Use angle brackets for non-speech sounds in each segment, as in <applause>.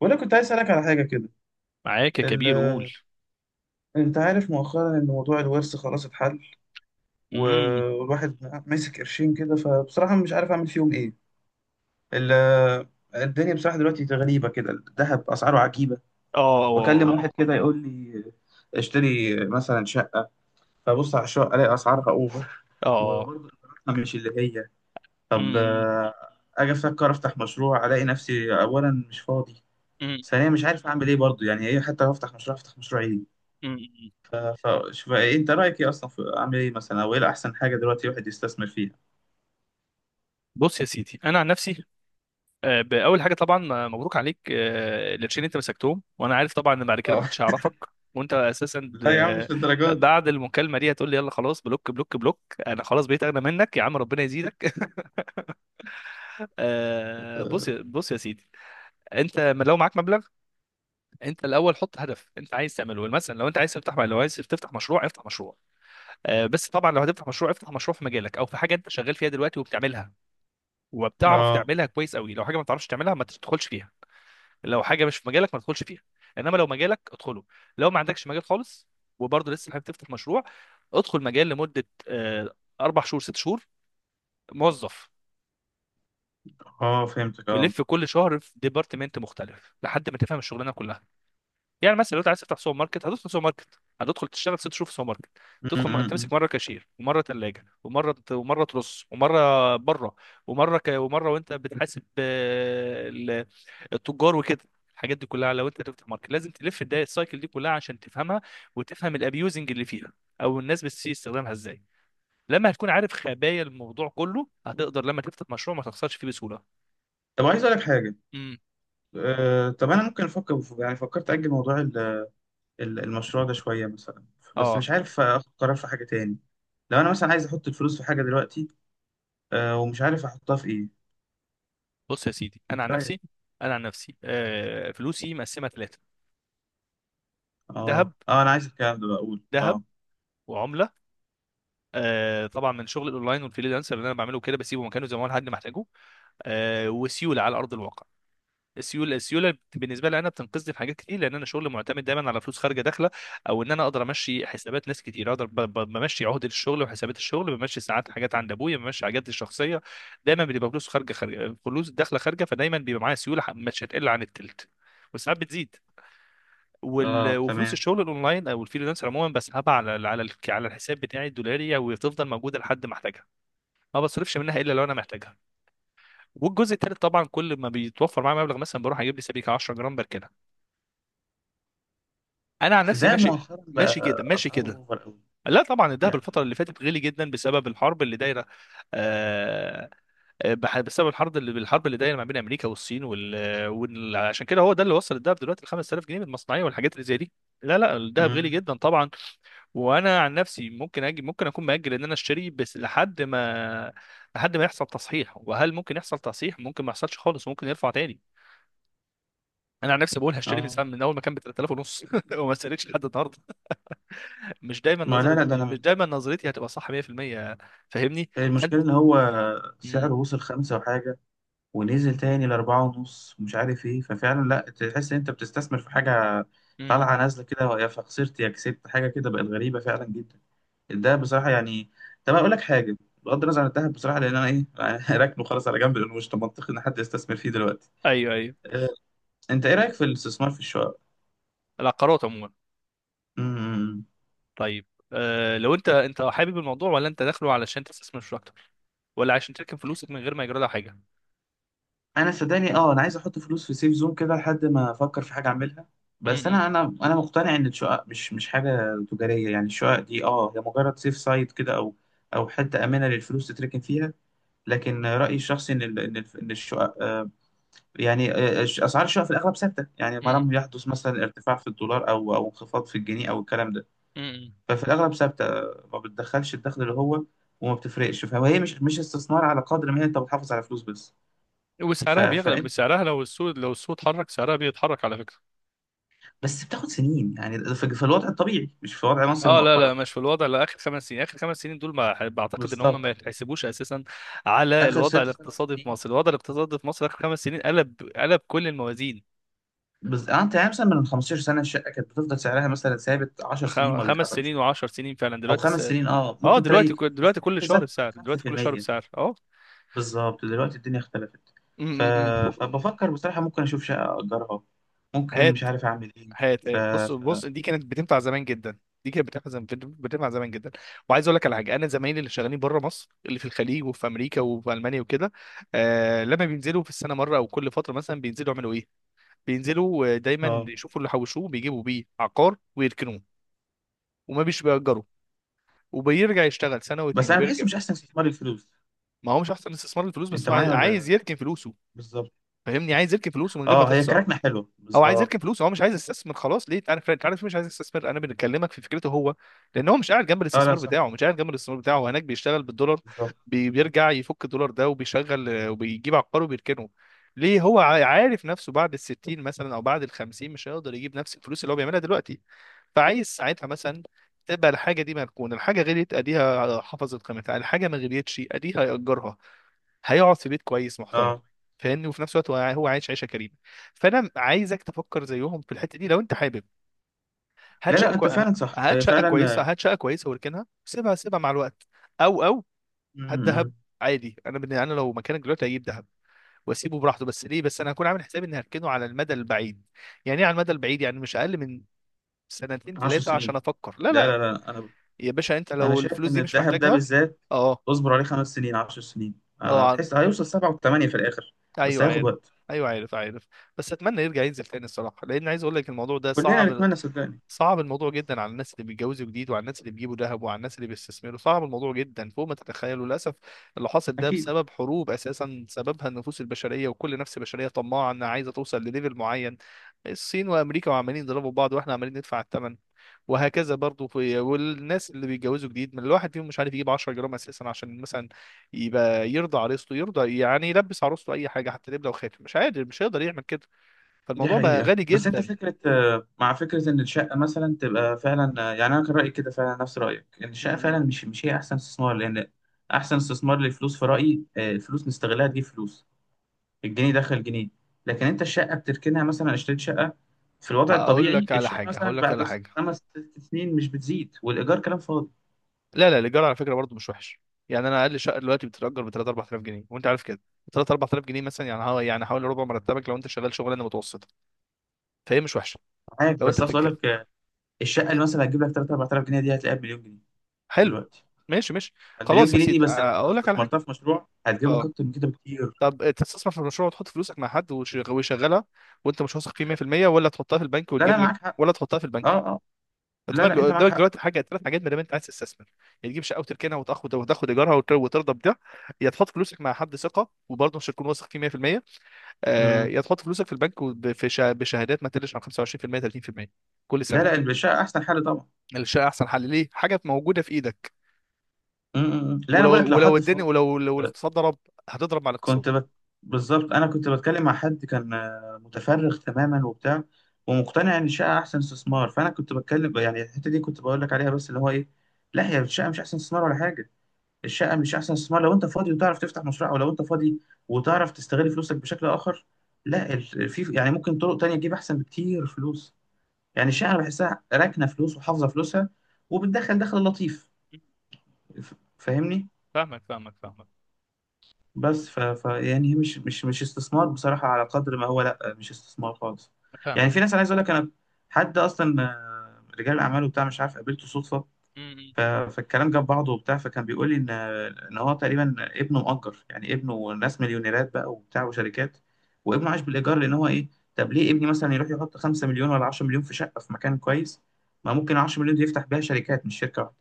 وانا كنت عايز اسالك على حاجه كده. معاك يا ال... كبير، قول. انت عارف مؤخرا ان موضوع الورث خلاص اتحل، امم. والواحد ماسك قرشين كده، فبصراحه مش عارف اعمل فيهم ايه. ال... الدنيا بصراحه دلوقتي غريبه كده، الذهب اسعاره عجيبه. اه، واكلم اه. واحد كده يقول لي اشتري مثلا شقه، فبص على الشقه الاقي اسعارها اوفر، آه. وبرضه اسعارها مش اللي هي. طب امم. اجي افكر افتح مشروع الاقي نفسي اولا مش فاضي، أمم. ثانيا مش عارف اعمل ايه برضه، يعني ايه حتى لو افتح مشروع افتح مشروع ايه؟ أمم. فشوف إيه انت رايك ايه اصلا، في اعمل ايه مثلا او ايه احسن حاجه دلوقتي الواحد يستثمر فيها؟ بص يا سيدي، انا عن نفسي باول حاجه طبعا مبروك عليك القرشين اللي انت مسكتهم. وانا عارف طبعا ان بعد كده اه. محدش هيعرفك وانت <laughs> اساسا لا يا عم مش للدرجات. بعد المكالمه دي هتقول لي يلا خلاص بلوك بلوك بلوك. انا خلاص بقيت اغنى منك يا عم، ربنا يزيدك. <laughs> اه بص يا سيدي، انت لو معاك مبلغ، انت الاول حط هدف انت عايز تعمله. مثلا لو انت عايز تفتح، لو عايز تفتح مشروع افتح مشروع. بس طبعا لو هتفتح مشروع، افتح مشروع في مجالك او في حاجه انت شغال فيها دلوقتي وبتعملها وبتعرف اه. تعملها كويس قوي. لو حاجه ما بتعرفش تعملها ما تدخلش فيها. لو حاجه مش في مجالك ما تدخلش فيها، انما لو مجالك ادخله. لو ما عندكش مجال خالص وبرضه لسه حابب تفتح مشروع، ادخل مجال لمده اربع شهور، ست شهور، موظف. فهمتك اه. ولف كل شهر في ديبارتمنت مختلف لحد ما تفهم الشغلانه كلها. يعني مثلا لو انت عايز تفتح سوبر ماركت، هتدخل سوبر ماركت، هتدخل تشتغل ست شهور في سوبر ماركت. م- تدخل م- م. تمسك مره كاشير ومره ثلاجه ومره ترص ومره بره ومره وانت بتحاسب التجار وكده. الحاجات دي كلها لو انت تفتح ماركت لازم تلف الداية السايكل دي كلها عشان تفهمها، وتفهم الابيوزنج اللي فيها، او الناس بتسيء استخدامها ازاي. لما هتكون عارف خبايا الموضوع كله هتقدر لما تفتح مشروع ما تخسرش فيه بسهوله. طب عايز اقول لك حاجه. امم. طب انا ممكن افكر، يعني فكرت اجل موضوع المشروع ده شويه مثلا، بس اه. مش عارف اخد قرار في حاجه تاني. لو انا مثلا عايز احط الفلوس في حاجه دلوقتي ومش عارف احطها في ايه. بص يا سيدي، انا عن انت رايك؟ نفسي، انا عن نفسي فلوسي مقسمه ثلاثه: ذهب، اه اه، انا عايز الكلام ده بقى اقول ذهب اه. وعمله. طبعا من شغل الاونلاين والفريلانسر اللي انا بعمله كده بسيبه مكانه زي ما هو لحد ما احتاجه. وسيوله على ارض الواقع. السيوله بالنسبه لي انا بتنقذني في حاجات كتير، لان انا شغل معتمد دايما على فلوس خارجه داخله. او ان انا اقدر امشي حسابات ناس كتير، اقدر بمشي عهده الشغل وحسابات الشغل، بمشي ساعات حاجات عند ابويا، بمشي حاجات الشخصيه. دايما بتبقى فلوس خارجه، خارجه فلوس داخله خارجه، فدايما بيبقى معايا سيوله مش هتقل عن التلت، وساعات بتزيد. اه وفلوس تمام. الشغل الاونلاين او الفريلانسر عموما بسحبها على الحساب بتاعي الدولاري وتفضل موجوده لحد ما احتاجها. ما بصرفش منها الا لو انا محتاجها. والجزء الثالث طبعا كل ما بيتوفر معايا مبلغ مثلا بروح اجيب لي سبيكه 10 جرام بركنها. انا عن بس نفسي ده ماشي. مؤخرا بقى ماشي كده، ماشي اسعاره كده. اوفر قوي. لا طبعا الدهب يعني. الفتره اللي فاتت غلي جدا بسبب الحرب اللي دايره. آه. بسبب الحرب اللي دايره ما بين امريكا والصين عشان كده هو ده اللي وصل الدهب دلوقتي ل 5000 جنيه من المصنعيه والحاجات اللي زي دي. لا لا الدهب غلي مم. جدا طبعا. وانا عن نفسي ممكن اجي، ممكن اكون مأجل ان انا اشتري بس لحد ما، يحصل تصحيح. وهل ممكن يحصل تصحيح؟ ممكن ما يحصلش خالص، وممكن يرفع تاني. انا عن نفسي بقول هشتري من اه. ساعه، من اول ما كان ب 3000 ونص <laughs> وما استنيتش لحد النهارده. ما لا لا مش دايما نظرتي هتبقى صح 100%. فاهمني؟ المشكله فانت، ان هو امم، سعره وصل 5 وحاجه ونزل تاني لـ4 ونص ومش عارف ايه. ففعلا لا تحس ان انت بتستثمر في حاجه، امم، طالعه نازله كده، يا فخسرت يا كسبت، حاجه كده بقت غريبه فعلا جدا الدهب بصراحه يعني. طب اقول لك حاجه، بغض النظر عن الدهب بصراحه، لان انا ايه <laughs> راكنه خلاص على جنب لانه مش منطقي ان حد يستثمر فيه دلوقتي. ايوه، ايوه. آه، انت ايه رايك في الاستثمار في الشقق؟ العقارات عموما، إمم، إمم، إمم. طيب. أه لو انت، انت حابب الموضوع، ولا انت داخله علشان تستثمر مش اكتر، ولا عشان تركن فلوسك من غير ما يجرى لها حاجه؟ انا صدقني اه انا عايز احط فلوس في سيف زون كده لحد ما افكر في حاجه اعملها. بس امم. انا مقتنع ان الشقق مش حاجه تجاريه، يعني الشقق دي اه هي مجرد سيف سايت كده، او حته امنه للفلوس تتركن فيها. لكن رايي الشخصي ان الشقق يعني اسعار الشقق في الاغلب ثابته، يعني ما لم امم. يحدث مثلا ارتفاع في الدولار او انخفاض في الجنيه او الكلام ده. امم. ففي الاغلب ثابته، ما بتدخلش الدخل اللي هو، وما بتفرقش، فهي مش استثمار على قدر ما هي انت بتحافظ على فلوس بس. وسعرها بيغلب، فانت سعرها لو السوق، اتحرك سعرها بيتحرك على فكره. بس بتاخد سنين، يعني ده في الوضع الطبيعي، مش في وضع مصر اه لا لا مؤخرا. مش في الوضع، لا، اخر خمس سنين، دول ما بعتقد ان هم بالظبط، ما يتحسبوش اساسا على اخر الوضع ست سبع الاقتصادي في سنين مصر. الوضع الاقتصادي في مصر اخر خمس سنين قلب، كل الموازين. بس انت يعني مثلا من 15 سنه الشقه كانت بتفضل سعرها مثلا ثابت 10 سنين ما خمس بيتحركش، سنين وعشر سنين فعلا او دلوقتي 5 سنين اه اه ممكن تلاقي دلوقتي دلوقتي السعر كل شهر زاد بسعر، 5%. اه. بالظبط دلوقتي الدنيا اختلفت. م- ف... م- م. فبفكر بصراحه ممكن اشوف شقه اجرها، ممكن مش هات. عارف اعمل ايه. ف... ف... بص دي كانت بتنفع زمان جدا. دي كانت بتنفع زمان، بتنفع زمان جدا. وعايز اقول لك على حاجه، انا زمايلي اللي شغالين بره مصر، اللي في الخليج وفي امريكا وفي المانيا وكده، لما بينزلوا في السنه مره او كل فتره مثلا، بينزلوا يعملوا ايه؟ بينزلوا دايما اه. يشوفوا اللي حوشوه بيجيبوا بيه عقار ويركنوه. وما بيش بيأجروا، وبيرجع يشتغل سنه بس واتنين انا وبيرجع. بحسه مش احسن استثمار الفلوس، ما هو مش احسن استثمار الفلوس، بس انت هو عايز، معايا عايز ولا؟ يركن فلوسه. بالظبط. فاهمني؟ عايز يركن فلوسه من غير ما اه هي تخسر. كركنه حلوه هو عايز يركن بالظبط. فلوس، هو مش عايز يستثمر، خلاص. ليه انا، انت عارف ليه مش عايز يستثمر؟ انا بنكلمك في فكرته هو. لان هو مش قاعد جنب اه لا الاستثمار صح. بتاعه، مش قاعد جنب الاستثمار بتاعه هو هناك بيشتغل بالدولار. بالظبط. بيرجع يفك الدولار ده وبيشغل، وبيجيب عقار وبيركنه. ليه؟ هو عارف نفسه بعد الستين مثلا او بعد الخمسين مش هيقدر يجيب نفس الفلوس اللي هو بيعملها دلوقتي، فعايز ساعتها مثلا تبقى الحاجه دي مركونه. الحاجه غليت اديها حفظت قيمتها، الحاجه ما غليتش اديها ياجرها، هيقعد في بيت كويس محترم. اه فاهمني؟ وفي نفس الوقت هو عايش عيشه كريمه. فانا عايزك تفكر زيهم في الحته دي لو انت حابب. لا هات شقه لا كوي... انت فعلا صح، هات شقه فعلا. كويسه، واركنها، سيبها، مع الوقت. او او م- هات دهب م- عادي. انا لو مكانك دلوقتي هجيب دهب واسيبه براحته. بس ليه؟ بس انا هكون عامل حسابي اني هركنه على المدى البعيد. يعني ايه على المدى البعيد؟ يعني مش اقل من سنتين عشر ثلاثه عشان سنين. افكر، لا لا لا لا. لا، انا يا باشا انت انا لو شايف الفلوس ان دي مش الذهب ده محتاجها. بالذات اه. اصبر عليه 5 سنين 10 سنين، اه، تحس هيوصل 7 و8 في الاخر، بس ايوه هياخد عارف. وقت. ايوه عارف، عارف. بس اتمنى يرجع ينزل تاني الصراحه، لان عايز اقول لك الموضوع ده كلنا صعب. نتمنى صدقني. صعب الموضوع جدا على الناس اللي بيتجوزوا جديد، وعلى الناس اللي بيجيبوا ذهب، وعلى الناس اللي بيستثمروا. صعب الموضوع جدا فوق ما تتخيلوا للاسف. اللي حاصل ده اكيد. بسبب حروب اساسا، سببها النفوس البشريه، وكل نفس بشريه طماعه انها عايزه توصل لليفل معين. الصين وامريكا وعمالين يضربوا بعض واحنا عمالين ندفع الثمن، وهكذا برضو. والناس اللي بيتجوزوا جديد من الواحد فيهم مش عارف يجيب 10 جرام اساسا عشان مثلا يبقى يرضى عروسته، يرضى يعني يلبس عروسته اي حاجه حتى لبله وخاتم، مش قادر، مش هيقدر يعمل كده. دي فالموضوع بقى حقيقة. غالي بس انت جدا. فكرة مع فكرة ان الشقة مثلا تبقى فعلا، يعني انا كان رأيي كده فعلا نفس رأيك، ان الشقة فعلا امم. مش هي احسن استثمار، لان احسن استثمار للفلوس في رأيي الفلوس نستغلها تجيب فلوس، الجنيه دخل جنيه. لكن انت الشقه بتركنها، مثلا اشتريت شقه في الوضع الطبيعي الشقه هقول مثلا لك بعد على حاجه. 5 6 سنين مش بتزيد، والايجار كلام فاضي. لا لا الايجار على فكره برضو مش وحش. يعني انا اقل شقه دلوقتي بتتاجر ب 3 4000 جنيه وانت عارف كده. 3 4000 جنيه مثلا يعني، هو يعني حوالي ربع مرتبك لو انت شغال شغلانه متوسطه. فهي مش وحشه. معاك، لو انت بس عايز اقول بتتكلم، لك الشقه اللي مثلا هتجيب لك 3 4,000 جنيه دي هتلاقيها بمليون جنيه حلو. دلوقتي. ماشي، ماشي. المليون خلاص يا جنيه دي سيدي، بس لو اقول لك على حاجه. استثمرتها في مشروع هتجيب لك اه. اكتر من كده بكتير. طب تستثمر في مشروع وتحط فلوسك مع حد ويشغلها وانت مش واثق فيه 100%، ولا تحطها في البنك لا لا وتجيب لك، معاك حق. ولا تحطها في اه البنك؟ اه. لا لا انت معاك قدامك حق. دلوقتي حاجه، ثلاث حاجات ما دام انت عايز تستثمر. يا تجيب شقه وتركنها وتاخد ايجارها وترضى بده، يا تحط فلوسك مع حد ثقه وبرضه مش هتكون واثق فيه 100%، مم. يا تحط فلوسك في البنك بشهادات ما تقلش عن 25% 30% كل لا سنه. لا الشقه احسن حل طبعا. الشقه احسن حل، ليه؟ حاجه موجوده في ايدك. مم. مم. لا انا بقول ولو، لك لو حد الدنيا، فاضي ولو الاقتصاد ضرب، هتضرب مع الاقتصاد. كنت بت... بالظبط انا كنت بتكلم مع حد كان متفرغ تماما وبتاع، ومقتنع ان الشقه احسن استثمار، فانا كنت بتكلم يعني الحته دي كنت بقول لك عليها، بس اللي هو ايه، لا هي الشقه مش احسن استثمار ولا حاجه. الشقه مش احسن استثمار لو انت فاضي وتعرف تفتح مشروع، او لو انت فاضي وتعرف تستغل فلوسك بشكل اخر. لا في يعني ممكن طرق تانية تجيب احسن بكتير فلوس. يعني الشقه أنا بحسها راكنه فلوس وحافظه فلوسها، وبتدخل دخل لطيف، فاهمني. فاهمك بس ف... ف يعني هي مش استثمار بصراحة، على قدر ما هو لا مش استثمار خالص. يعني فاهمك. في ناس، انا عايز اقول لك، انا حد اصلا رجال اعمال وبتاع، مش عارف قابلته صدفة. فالكلام جاب بعضه وبتاع، فكان بيقول لي ان هو تقريبا ابنه مؤجر، يعني ابنه ناس مليونيرات بقى وبتاع وشركات، وابنه عايش بالايجار، لان هو ايه، طب ليه ابني مثلا يروح يحط 5 مليون ولا 10 مليون في شقة في مكان كويس، ما ممكن 10 مليون دي يفتح بيها شركات مش شركة واحدة.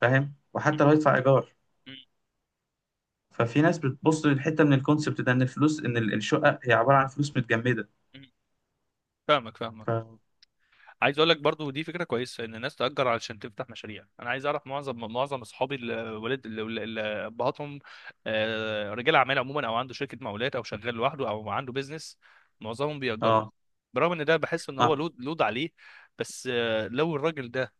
فاهم؟ وحتى لو يدفع ايجار. مم. ففي ناس بتبص للحته من الكونسبت ده، ان الفلوس، ان الشقه هي عباره عن فلوس متجمده. مم. فاهمك. ف عايز اقول لك برضو، دي فكره كويسه ان الناس تاجر علشان تفتح مشاريع. انا عايز اعرف معظم، اصحابي الولاد، ابهاتهم رجال اعمال عموما او عنده شركه مقاولات او شغال لوحده او عنده بيزنس، معظمهم بيأجروا. اه برغم ان ده بحس ان هو اه لود، عليه، بس لو الراجل ده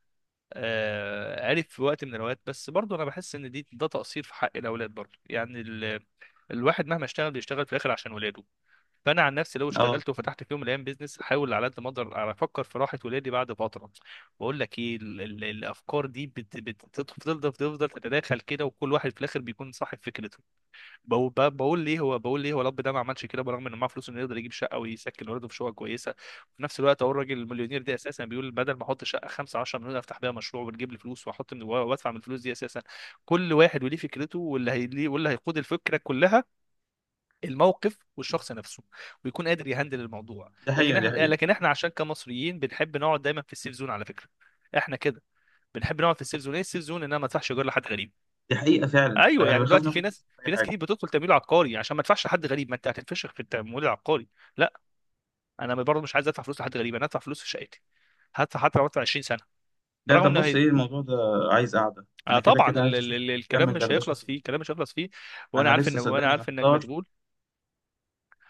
عرف في وقت من الاوقات. بس برضو انا بحس ان دي، ده تقصير في حق الاولاد برضو. يعني الواحد مهما اشتغل بيشتغل في الاخر عشان ولاده. فانا عن نفسي لو اه اشتغلت وفتحت في يوم من الايام بيزنس احاول على قد ما اقدر افكر في راحه ولادي بعد فتره. بقول لك ايه، ال ال الافكار دي بتفضل، تتداخل كده وكل واحد في الاخر بيكون صاحب فكرته. بقول، ليه هو، الاب ده ما عملش كده برغم انه معاه فلوس انه يقدر يجيب شقه ويسكن ولاده في شقه كويسه. وفي نفس الوقت اهو الراجل المليونير ده اساسا بيقول بدل ما احط شقه 5 10 مليون افتح بيها مشروع وتجيب لي فلوس، واحط من، وادفع من الفلوس دي اساسا. كل واحد وليه فكرته، واللي هي، واللي هيقود الفكره كلها الموقف والشخص نفسه، ويكون قادر يهندل الموضوع. دي لكن حقيقه. دي احنا، حقيقه. لكن احنا عشان كمصريين بنحب نقعد دايما في السيف زون على فكره. احنا كده بنحب نقعد في السيف زون. ايه السيف زون؟ انها ما تدفعش ايجار لحد غريب. دي حقيقه فعلا، ايوه انا يعني بخاف دلوقتي في ناخد ناس، ريسك في اي حاجه. كتير بتدخل تمويل عقاري عشان ما تدفعش لحد غريب. ما انت هتنفشخ في التمويل العقاري، لا. انا برضه مش عايز ادفع فلوس لحد غريب، انا هدفع فلوس في شقتي، هدفع حتى لو ادفع 20 سنه. لا برغم طب انه بص ايه الموضوع ده، عايز قعده آه انا كده طبعا كده، عايز اشوف الكلام نكمل مش دردشه هيخلص فيه. فيه، وانا انا عارف ان، لسه وانا صدقني عارف انك محتار. مشغول.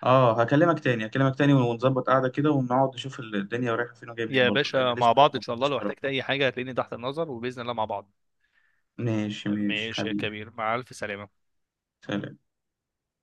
اه هكلمك تاني هكلمك تاني ونظبط قعده كده ونقعد نشوف الدنيا رايحه فين وجايه منين، يا برضه لان باشا مع لسه بعض ان ما شاء الله، خدتش لو قرار. احتجت اي حاجه هتلاقيني تحت النظر وباذن الله مع بعض. ماشي ماشي ماشي يا حبيبي. كبير، مع ألف سلامة. سلام.